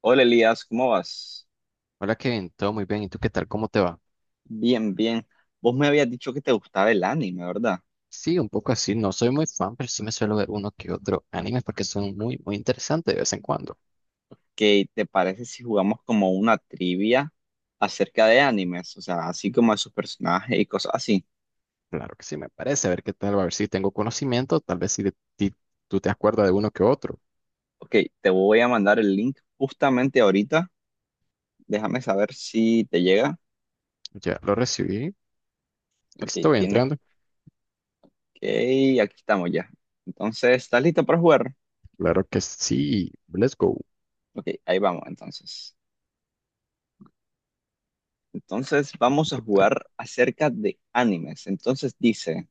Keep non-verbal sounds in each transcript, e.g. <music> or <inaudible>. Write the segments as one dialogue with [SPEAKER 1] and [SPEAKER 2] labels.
[SPEAKER 1] Hola Elías, ¿cómo vas?
[SPEAKER 2] Hola Kevin, todo muy bien. ¿Y tú qué tal? ¿Cómo te va?
[SPEAKER 1] Bien, bien. Vos me habías dicho que te gustaba el anime, ¿verdad?
[SPEAKER 2] Sí, un poco así. No soy muy fan, pero sí me suelo ver uno que otro animes porque son muy, muy interesantes de vez en cuando.
[SPEAKER 1] ¿Qué te parece si jugamos como una trivia acerca de animes? O sea, así como de sus personajes y cosas así.
[SPEAKER 2] Claro que sí, me parece. A ver qué tal, a ver si tengo conocimiento. Tal vez si de ti- tú te acuerdas de uno que otro.
[SPEAKER 1] Ok, te voy a mandar el link justamente ahorita. Déjame saber si te llega.
[SPEAKER 2] Ya lo recibí.
[SPEAKER 1] Ok,
[SPEAKER 2] Estoy
[SPEAKER 1] tienes
[SPEAKER 2] entrando.
[SPEAKER 1] que... Aquí estamos ya. Entonces, ¿estás listo para jugar?
[SPEAKER 2] Claro que sí. Let's go.
[SPEAKER 1] Ok, ahí vamos entonces. Entonces, vamos a
[SPEAKER 2] ¿Qué tal?
[SPEAKER 1] jugar acerca de animes. Entonces dice,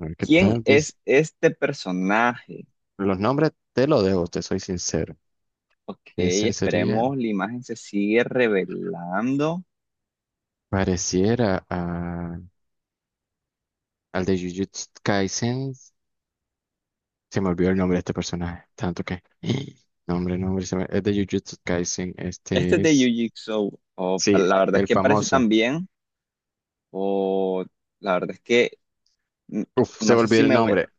[SPEAKER 2] A ver qué
[SPEAKER 1] ¿quién
[SPEAKER 2] tal. Dice...
[SPEAKER 1] es este personaje?
[SPEAKER 2] Los nombres te los dejo, te soy sincero.
[SPEAKER 1] Ok,
[SPEAKER 2] Ese sería,
[SPEAKER 1] esperemos la imagen se sigue revelando.
[SPEAKER 2] pareciera al de Jujutsu Kaisen. Se me olvidó el nombre de este personaje, tanto que... <gasps> Nombre, nombre, es de Jujutsu Kaisen,
[SPEAKER 1] Este
[SPEAKER 2] este
[SPEAKER 1] es de
[SPEAKER 2] es...
[SPEAKER 1] Yu-Jitsu, o
[SPEAKER 2] Sí,
[SPEAKER 1] la verdad es
[SPEAKER 2] el
[SPEAKER 1] que parece tan
[SPEAKER 2] famoso.
[SPEAKER 1] bien, o la verdad es que mm,
[SPEAKER 2] Uf, se
[SPEAKER 1] no
[SPEAKER 2] me
[SPEAKER 1] sé
[SPEAKER 2] olvidó
[SPEAKER 1] si
[SPEAKER 2] el
[SPEAKER 1] me voy.
[SPEAKER 2] nombre,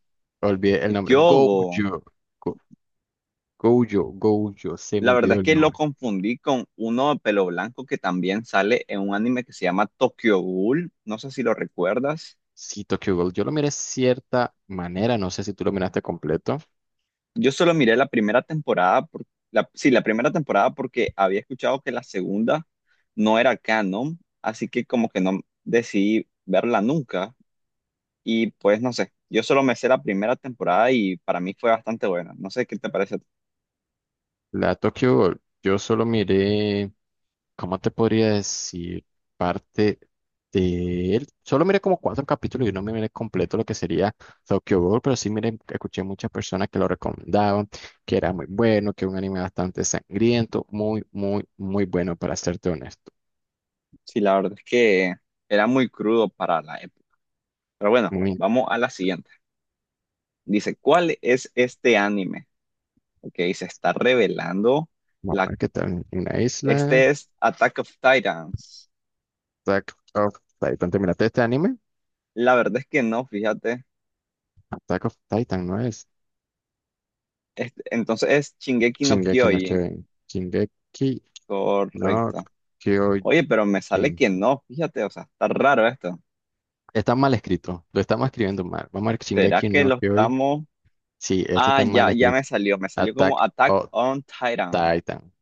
[SPEAKER 2] olvidé el nombre. Gojo,
[SPEAKER 1] Yogo,
[SPEAKER 2] Go- Gojo, Gojo, se me
[SPEAKER 1] la verdad
[SPEAKER 2] olvidó
[SPEAKER 1] es
[SPEAKER 2] el
[SPEAKER 1] que lo
[SPEAKER 2] nombre.
[SPEAKER 1] confundí con uno de pelo blanco que también sale en un anime que se llama Tokyo Ghoul. No sé si lo recuerdas.
[SPEAKER 2] Sí, Tokyo Ghoul, yo lo miré cierta manera, no sé si tú lo miraste completo.
[SPEAKER 1] Yo solo miré la primera temporada, la, sí, la primera temporada porque había escuchado que la segunda no era canon, así que como que no decidí verla nunca y pues no sé, yo solo me sé la primera temporada y para mí fue bastante buena. No sé qué te parece. A ti.
[SPEAKER 2] La Tokyo Ghoul, yo solo miré, ¿cómo te podría decir? Parte de él. Solo miré como cuatro capítulos y no me miré completo lo que sería Tokyo Ghoul, pero sí miré, escuché muchas personas que lo recomendaban, que era muy bueno, que era un anime bastante sangriento, muy, muy, muy bueno, para serte honesto.
[SPEAKER 1] Sí, la verdad es que era muy crudo para la época. Pero bueno,
[SPEAKER 2] Muy,
[SPEAKER 1] vamos a la siguiente. Dice, ¿cuál es este anime? Ok, se está revelando.
[SPEAKER 2] vamos a
[SPEAKER 1] La,
[SPEAKER 2] ver qué tal. Una isla,
[SPEAKER 1] este es Attack of Titans.
[SPEAKER 2] Attack of Titan. ¿Te miraste este anime?
[SPEAKER 1] La verdad es que no, fíjate.
[SPEAKER 2] Attack of Titan, ¿no es?
[SPEAKER 1] Este, entonces es Shingeki no
[SPEAKER 2] Shingeki no
[SPEAKER 1] Kyojin.
[SPEAKER 2] Kyojin. Shingeki no
[SPEAKER 1] Correcto.
[SPEAKER 2] Kyojin.
[SPEAKER 1] Oye, pero me sale que no, fíjate, o sea, está raro esto.
[SPEAKER 2] Está mal escrito, lo estamos escribiendo mal. Vamos a ver
[SPEAKER 1] ¿Será
[SPEAKER 2] Shingeki
[SPEAKER 1] que
[SPEAKER 2] no
[SPEAKER 1] lo
[SPEAKER 2] hoy.
[SPEAKER 1] estamos...?
[SPEAKER 2] Sí, esto
[SPEAKER 1] Ah,
[SPEAKER 2] está mal
[SPEAKER 1] ya, ya
[SPEAKER 2] escrito.
[SPEAKER 1] me salió como
[SPEAKER 2] Attack
[SPEAKER 1] Attack
[SPEAKER 2] on
[SPEAKER 1] on Titan.
[SPEAKER 2] Titan.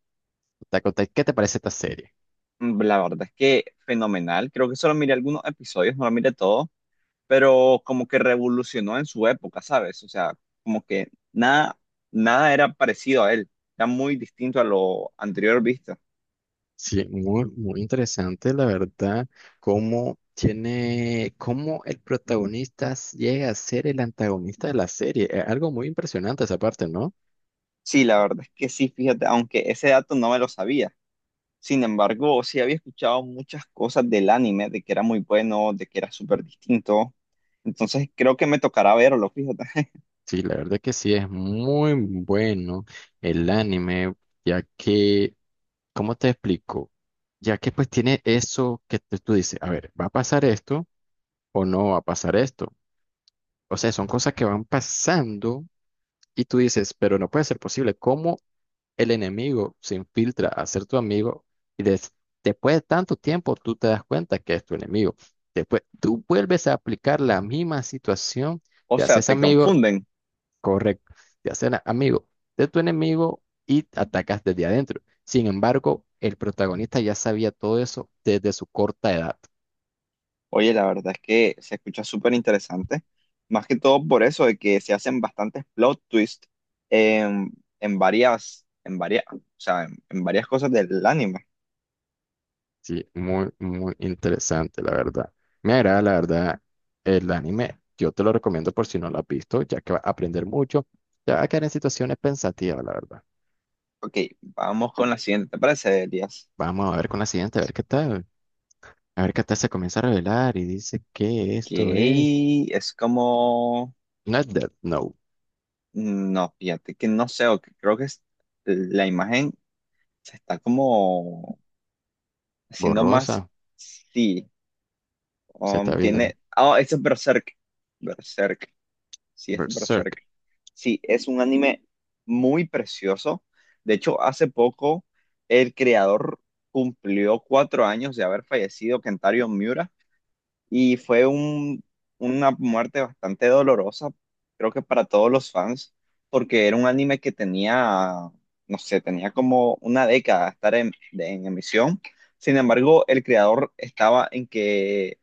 [SPEAKER 2] Attack on Titan. ¿Qué te parece esta serie?
[SPEAKER 1] Mm, la verdad es que fenomenal. Creo que solo miré algunos episodios, no lo miré todo, pero como que revolucionó en su época, ¿sabes? O sea, como que nada, nada era parecido a él. Era muy distinto a lo anterior visto.
[SPEAKER 2] Sí, muy, muy interesante, la verdad, cómo tiene, cómo el protagonista llega a ser el antagonista de la serie. Es algo muy impresionante esa parte, ¿no?
[SPEAKER 1] Sí, la verdad es que sí, fíjate, aunque ese dato no me lo sabía. Sin embargo, sí había escuchado muchas cosas del anime, de que era muy bueno, de que era súper distinto. Entonces creo que me tocará verlo, fíjate. <laughs>
[SPEAKER 2] Sí, la verdad que sí, es muy bueno el anime, ya que, ¿cómo te explico? Ya que pues tiene eso que tú dices, a ver, va a pasar esto, o no va a pasar esto. O sea, son cosas que van pasando y tú dices, pero no puede ser posible. ¿Cómo el enemigo se infiltra a ser tu amigo y después de tanto tiempo tú te das cuenta que es tu enemigo? Después tú vuelves a aplicar la misma situación,
[SPEAKER 1] O
[SPEAKER 2] te
[SPEAKER 1] sea,
[SPEAKER 2] haces
[SPEAKER 1] te
[SPEAKER 2] amigo,
[SPEAKER 1] confunden.
[SPEAKER 2] correcto, te haces amigo de tu enemigo y te atacas desde adentro. Sin embargo, el protagonista ya sabía todo eso desde su corta edad.
[SPEAKER 1] Oye, la verdad es que se escucha súper interesante. Más que todo por eso de que se hacen bastantes plot twists en, o sea, en varias cosas del anime.
[SPEAKER 2] Sí, muy, muy interesante, la verdad. Me agrada, la verdad, el anime. Yo te lo recomiendo por si no lo has visto, ya que vas a aprender mucho. Ya va a quedar en situaciones pensativas, la verdad.
[SPEAKER 1] Ok, vamos con la siguiente, ¿te parece, Elías?
[SPEAKER 2] Vamos a ver con la siguiente, a ver qué tal. A ver qué tal se comienza a revelar y dice que
[SPEAKER 1] Ok,
[SPEAKER 2] esto es.
[SPEAKER 1] es como...
[SPEAKER 2] No es Death Note,
[SPEAKER 1] No, fíjate que no sé, o que creo que es la imagen se está como haciendo más.
[SPEAKER 2] borrosa.
[SPEAKER 1] Sí,
[SPEAKER 2] Se está viendo
[SPEAKER 1] tiene. Ah, ese es Berserk. Berserk. Sí, este es
[SPEAKER 2] Berserk.
[SPEAKER 1] Berserk. Sí, es un anime muy precioso. De hecho, hace poco el creador cumplió 4 años de haber fallecido, Kentaro Miura. Y fue una muerte bastante dolorosa, creo que para todos los fans, porque era un anime que tenía, no sé, tenía como una década de estar en, en emisión. Sin embargo, el creador estaba en que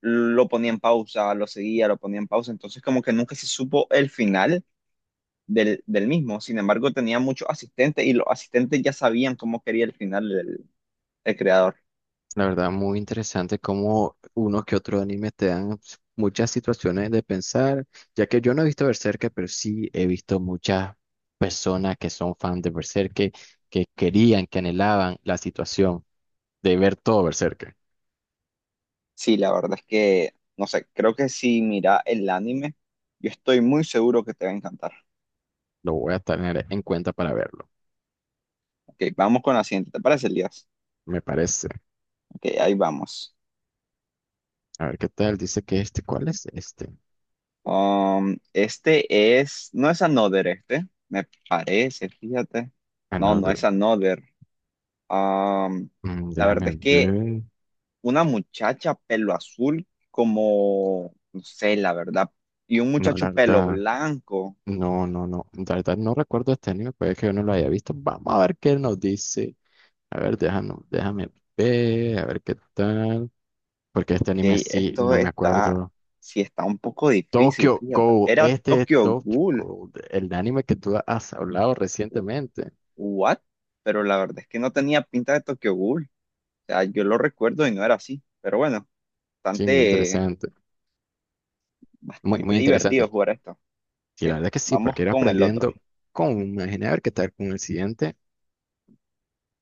[SPEAKER 1] lo ponía en pausa, lo seguía, lo ponía en pausa, entonces como que nunca se supo el final del mismo. Sin embargo, tenía muchos asistentes y los asistentes ya sabían cómo quería el final del el creador.
[SPEAKER 2] La verdad, muy interesante cómo unos que otros animes te dan muchas situaciones de pensar, ya que yo no he visto Berserk, pero sí he visto muchas personas que son fans de Berserk, que querían, que anhelaban la situación de ver todo Berserk.
[SPEAKER 1] Sí, la verdad es que, no sé, creo que si mira el anime, yo estoy muy seguro que te va a encantar.
[SPEAKER 2] Lo voy a tener en cuenta para verlo,
[SPEAKER 1] Ok, vamos con la siguiente, ¿te parece, Elías?
[SPEAKER 2] me parece.
[SPEAKER 1] Ok, ahí vamos.
[SPEAKER 2] A ver qué tal, dice que este, ¿cuál es este?
[SPEAKER 1] Este es, no es Another este, me parece, fíjate. No, no
[SPEAKER 2] Another.
[SPEAKER 1] es Another. Um,
[SPEAKER 2] Mm,
[SPEAKER 1] la verdad
[SPEAKER 2] déjame
[SPEAKER 1] es que
[SPEAKER 2] ver.
[SPEAKER 1] una muchacha pelo azul como, no sé, la verdad, y un
[SPEAKER 2] No,
[SPEAKER 1] muchacho
[SPEAKER 2] la
[SPEAKER 1] pelo
[SPEAKER 2] verdad,
[SPEAKER 1] blanco.
[SPEAKER 2] no, no, no. La verdad no recuerdo este anime, puede que yo no lo haya visto. Vamos a ver qué nos dice. A ver, déjame, déjame ver, a ver qué tal. Porque este
[SPEAKER 1] Ok,
[SPEAKER 2] anime sí,
[SPEAKER 1] esto
[SPEAKER 2] no me
[SPEAKER 1] está,
[SPEAKER 2] acuerdo.
[SPEAKER 1] sí está un poco difícil,
[SPEAKER 2] Tokyo
[SPEAKER 1] fíjate.
[SPEAKER 2] Ghoul,
[SPEAKER 1] Era
[SPEAKER 2] este es
[SPEAKER 1] Tokyo
[SPEAKER 2] Tokyo
[SPEAKER 1] Ghoul.
[SPEAKER 2] Ghoul, el anime que tú has hablado
[SPEAKER 1] u-
[SPEAKER 2] recientemente.
[SPEAKER 1] What? Pero la verdad es que no tenía pinta de Tokyo Ghoul. O sea, yo lo recuerdo y no era así. Pero bueno,
[SPEAKER 2] Sí, muy
[SPEAKER 1] bastante,
[SPEAKER 2] interesante. Muy,
[SPEAKER 1] bastante
[SPEAKER 2] muy
[SPEAKER 1] divertido
[SPEAKER 2] interesante.
[SPEAKER 1] jugar esto.
[SPEAKER 2] Sí,
[SPEAKER 1] Ok,
[SPEAKER 2] la verdad que sí,
[SPEAKER 1] vamos
[SPEAKER 2] porque ir
[SPEAKER 1] con el otro.
[SPEAKER 2] aprendiendo con, imaginé a ver qué tal con el siguiente.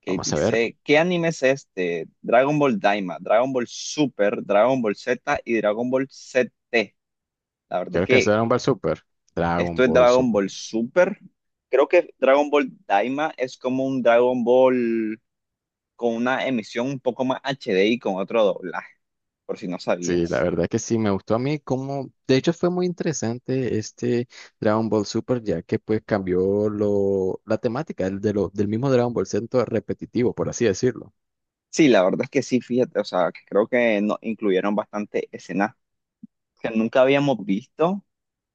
[SPEAKER 1] Que
[SPEAKER 2] Vamos a ver.
[SPEAKER 1] dice, ¿qué anime es este? Dragon Ball Daima, Dragon Ball Super, Dragon Ball Z y Dragon Ball ZT. La verdad es
[SPEAKER 2] Creo que es
[SPEAKER 1] que
[SPEAKER 2] Dragon Ball Super.
[SPEAKER 1] esto
[SPEAKER 2] Dragon
[SPEAKER 1] es
[SPEAKER 2] Ball
[SPEAKER 1] Dragon
[SPEAKER 2] Super.
[SPEAKER 1] Ball Super. Creo que Dragon Ball Daima es como un Dragon Ball con una emisión un poco más HD y con otro doblaje, por si no
[SPEAKER 2] Sí, la
[SPEAKER 1] sabías.
[SPEAKER 2] verdad que sí, me gustó a mí como, de hecho fue muy interesante este Dragon Ball Super, ya que pues cambió lo, la temática el de del mismo Dragon Ball Centro repetitivo, por así decirlo.
[SPEAKER 1] Sí, la verdad es que sí, fíjate, o sea, creo que nos incluyeron bastante escenas que nunca habíamos visto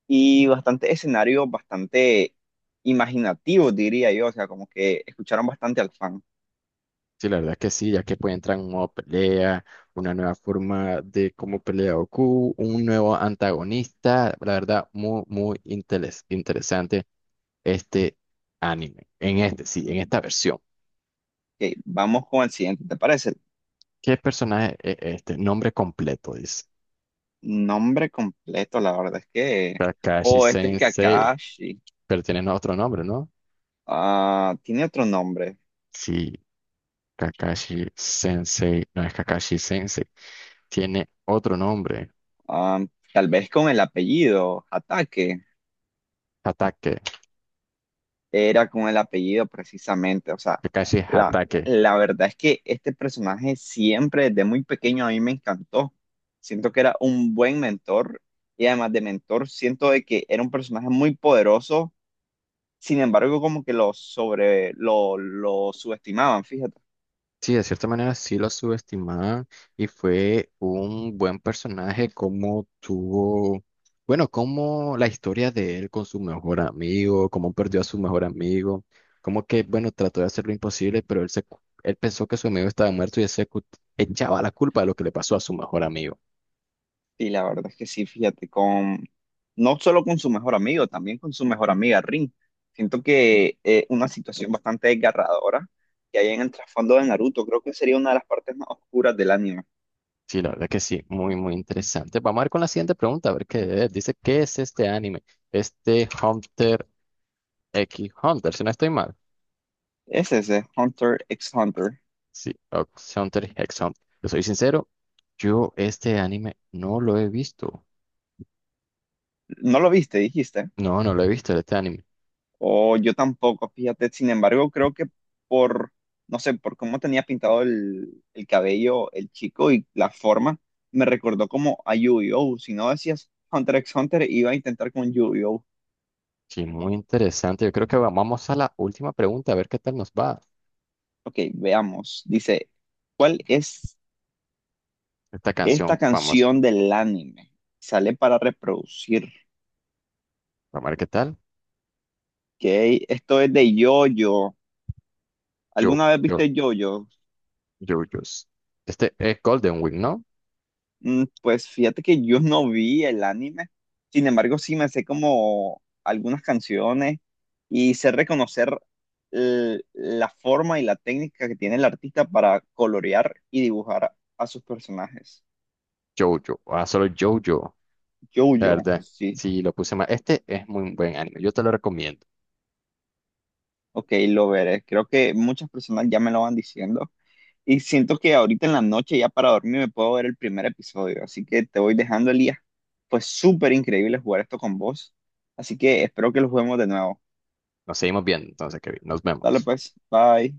[SPEAKER 1] y bastante escenarios bastante imaginativos, diría yo, o sea, como que escucharon bastante al fan.
[SPEAKER 2] Sí, la verdad que sí, ya que pues entran nueva pelea, una nueva forma de cómo pelea Goku, un nuevo antagonista, la verdad muy, muy interesante este anime, en este, sí, en esta versión.
[SPEAKER 1] Ok, vamos con el siguiente, ¿te parece?
[SPEAKER 2] ¿Qué personaje es este? Nombre completo, dice.
[SPEAKER 1] Nombre completo, la verdad es que...
[SPEAKER 2] Kakashi
[SPEAKER 1] O este es
[SPEAKER 2] Sensei.
[SPEAKER 1] Kakashi.
[SPEAKER 2] Pero tienen otro nombre, ¿no?
[SPEAKER 1] Ah, tiene otro nombre.
[SPEAKER 2] Sí, Kakashi Sensei, no es Kakashi Sensei, tiene otro nombre,
[SPEAKER 1] Ah, tal vez con el apellido, Ataque.
[SPEAKER 2] Hatake,
[SPEAKER 1] Era con el apellido precisamente. O sea,
[SPEAKER 2] Kakashi
[SPEAKER 1] la,
[SPEAKER 2] Hatake.
[SPEAKER 1] la verdad es que este personaje siempre desde muy pequeño a mí me encantó. Siento que era un buen mentor y además de mentor, siento de que era un personaje muy poderoso. Sin embargo, como que lo sobre, lo subestimaban, fíjate.
[SPEAKER 2] Sí, de cierta manera sí lo subestimaban y fue un buen personaje como tuvo, bueno, como la historia de él con su mejor amigo, cómo perdió a su mejor amigo, como que, bueno, trató de hacer lo imposible, pero él, él pensó que su amigo estaba muerto y él se echaba la culpa de lo que le pasó a su mejor amigo.
[SPEAKER 1] Sí, la verdad es que sí, fíjate, con no solo con su mejor amigo, también con su mejor amiga Rin. Siento que una situación bastante desgarradora que hay en el trasfondo de Naruto, creo que sería una de las partes más oscuras del anime.
[SPEAKER 2] Sí, la verdad que sí, muy, muy interesante. Vamos a ver con la siguiente pregunta, a ver qué es. Dice, ¿qué es este anime? Este Hunter X Hunter, si no estoy mal.
[SPEAKER 1] Es ese, Hunter x Hunter.
[SPEAKER 2] Sí, Ox Hunter X Hunter. Yo soy sincero, yo este anime no lo he visto.
[SPEAKER 1] ¿No lo viste, dijiste?
[SPEAKER 2] No, no lo he visto este anime.
[SPEAKER 1] O yo tampoco, fíjate. Sin embargo, creo que por, no sé, por cómo tenía pintado el cabello el chico y la forma, me recordó como a Yu-Gi-Oh! Si no decías Hunter x Hunter, iba a intentar con Yu-Gi-Oh!
[SPEAKER 2] Sí, muy interesante. Yo creo que vamos a la última pregunta, a ver qué tal nos va
[SPEAKER 1] Ok, veamos. Dice, ¿cuál es
[SPEAKER 2] esta
[SPEAKER 1] esta
[SPEAKER 2] canción famosa.
[SPEAKER 1] canción del anime? Sale para reproducir. Ok,
[SPEAKER 2] Vamos a ver qué tal.
[SPEAKER 1] esto es de Yoyo.
[SPEAKER 2] Yo,
[SPEAKER 1] ¿Alguna vez
[SPEAKER 2] yo,
[SPEAKER 1] viste Yoyo?
[SPEAKER 2] yo, yo. Este es Golden Wing, ¿no?
[SPEAKER 1] Mm, pues fíjate que yo no vi el anime. Sin embargo, sí me sé como algunas canciones y sé reconocer la forma y la técnica que tiene el artista para colorear y dibujar a sus personajes.
[SPEAKER 2] Jojo. Ah, solo Jojo. La
[SPEAKER 1] Yoyo,
[SPEAKER 2] verdad,
[SPEAKER 1] sí,
[SPEAKER 2] sí, lo puse mal. Este es muy buen anime. Yo te lo recomiendo.
[SPEAKER 1] Ok, lo veré. Creo que muchas personas ya me lo van diciendo. Y siento que ahorita en la noche, ya para dormir, me puedo ver el primer episodio. Así que te voy dejando, Elías. Fue súper increíble jugar esto con vos. Así que espero que lo juguemos de nuevo.
[SPEAKER 2] Nos seguimos viendo, entonces, Kevin. Nos
[SPEAKER 1] Dale
[SPEAKER 2] vemos.
[SPEAKER 1] pues, bye.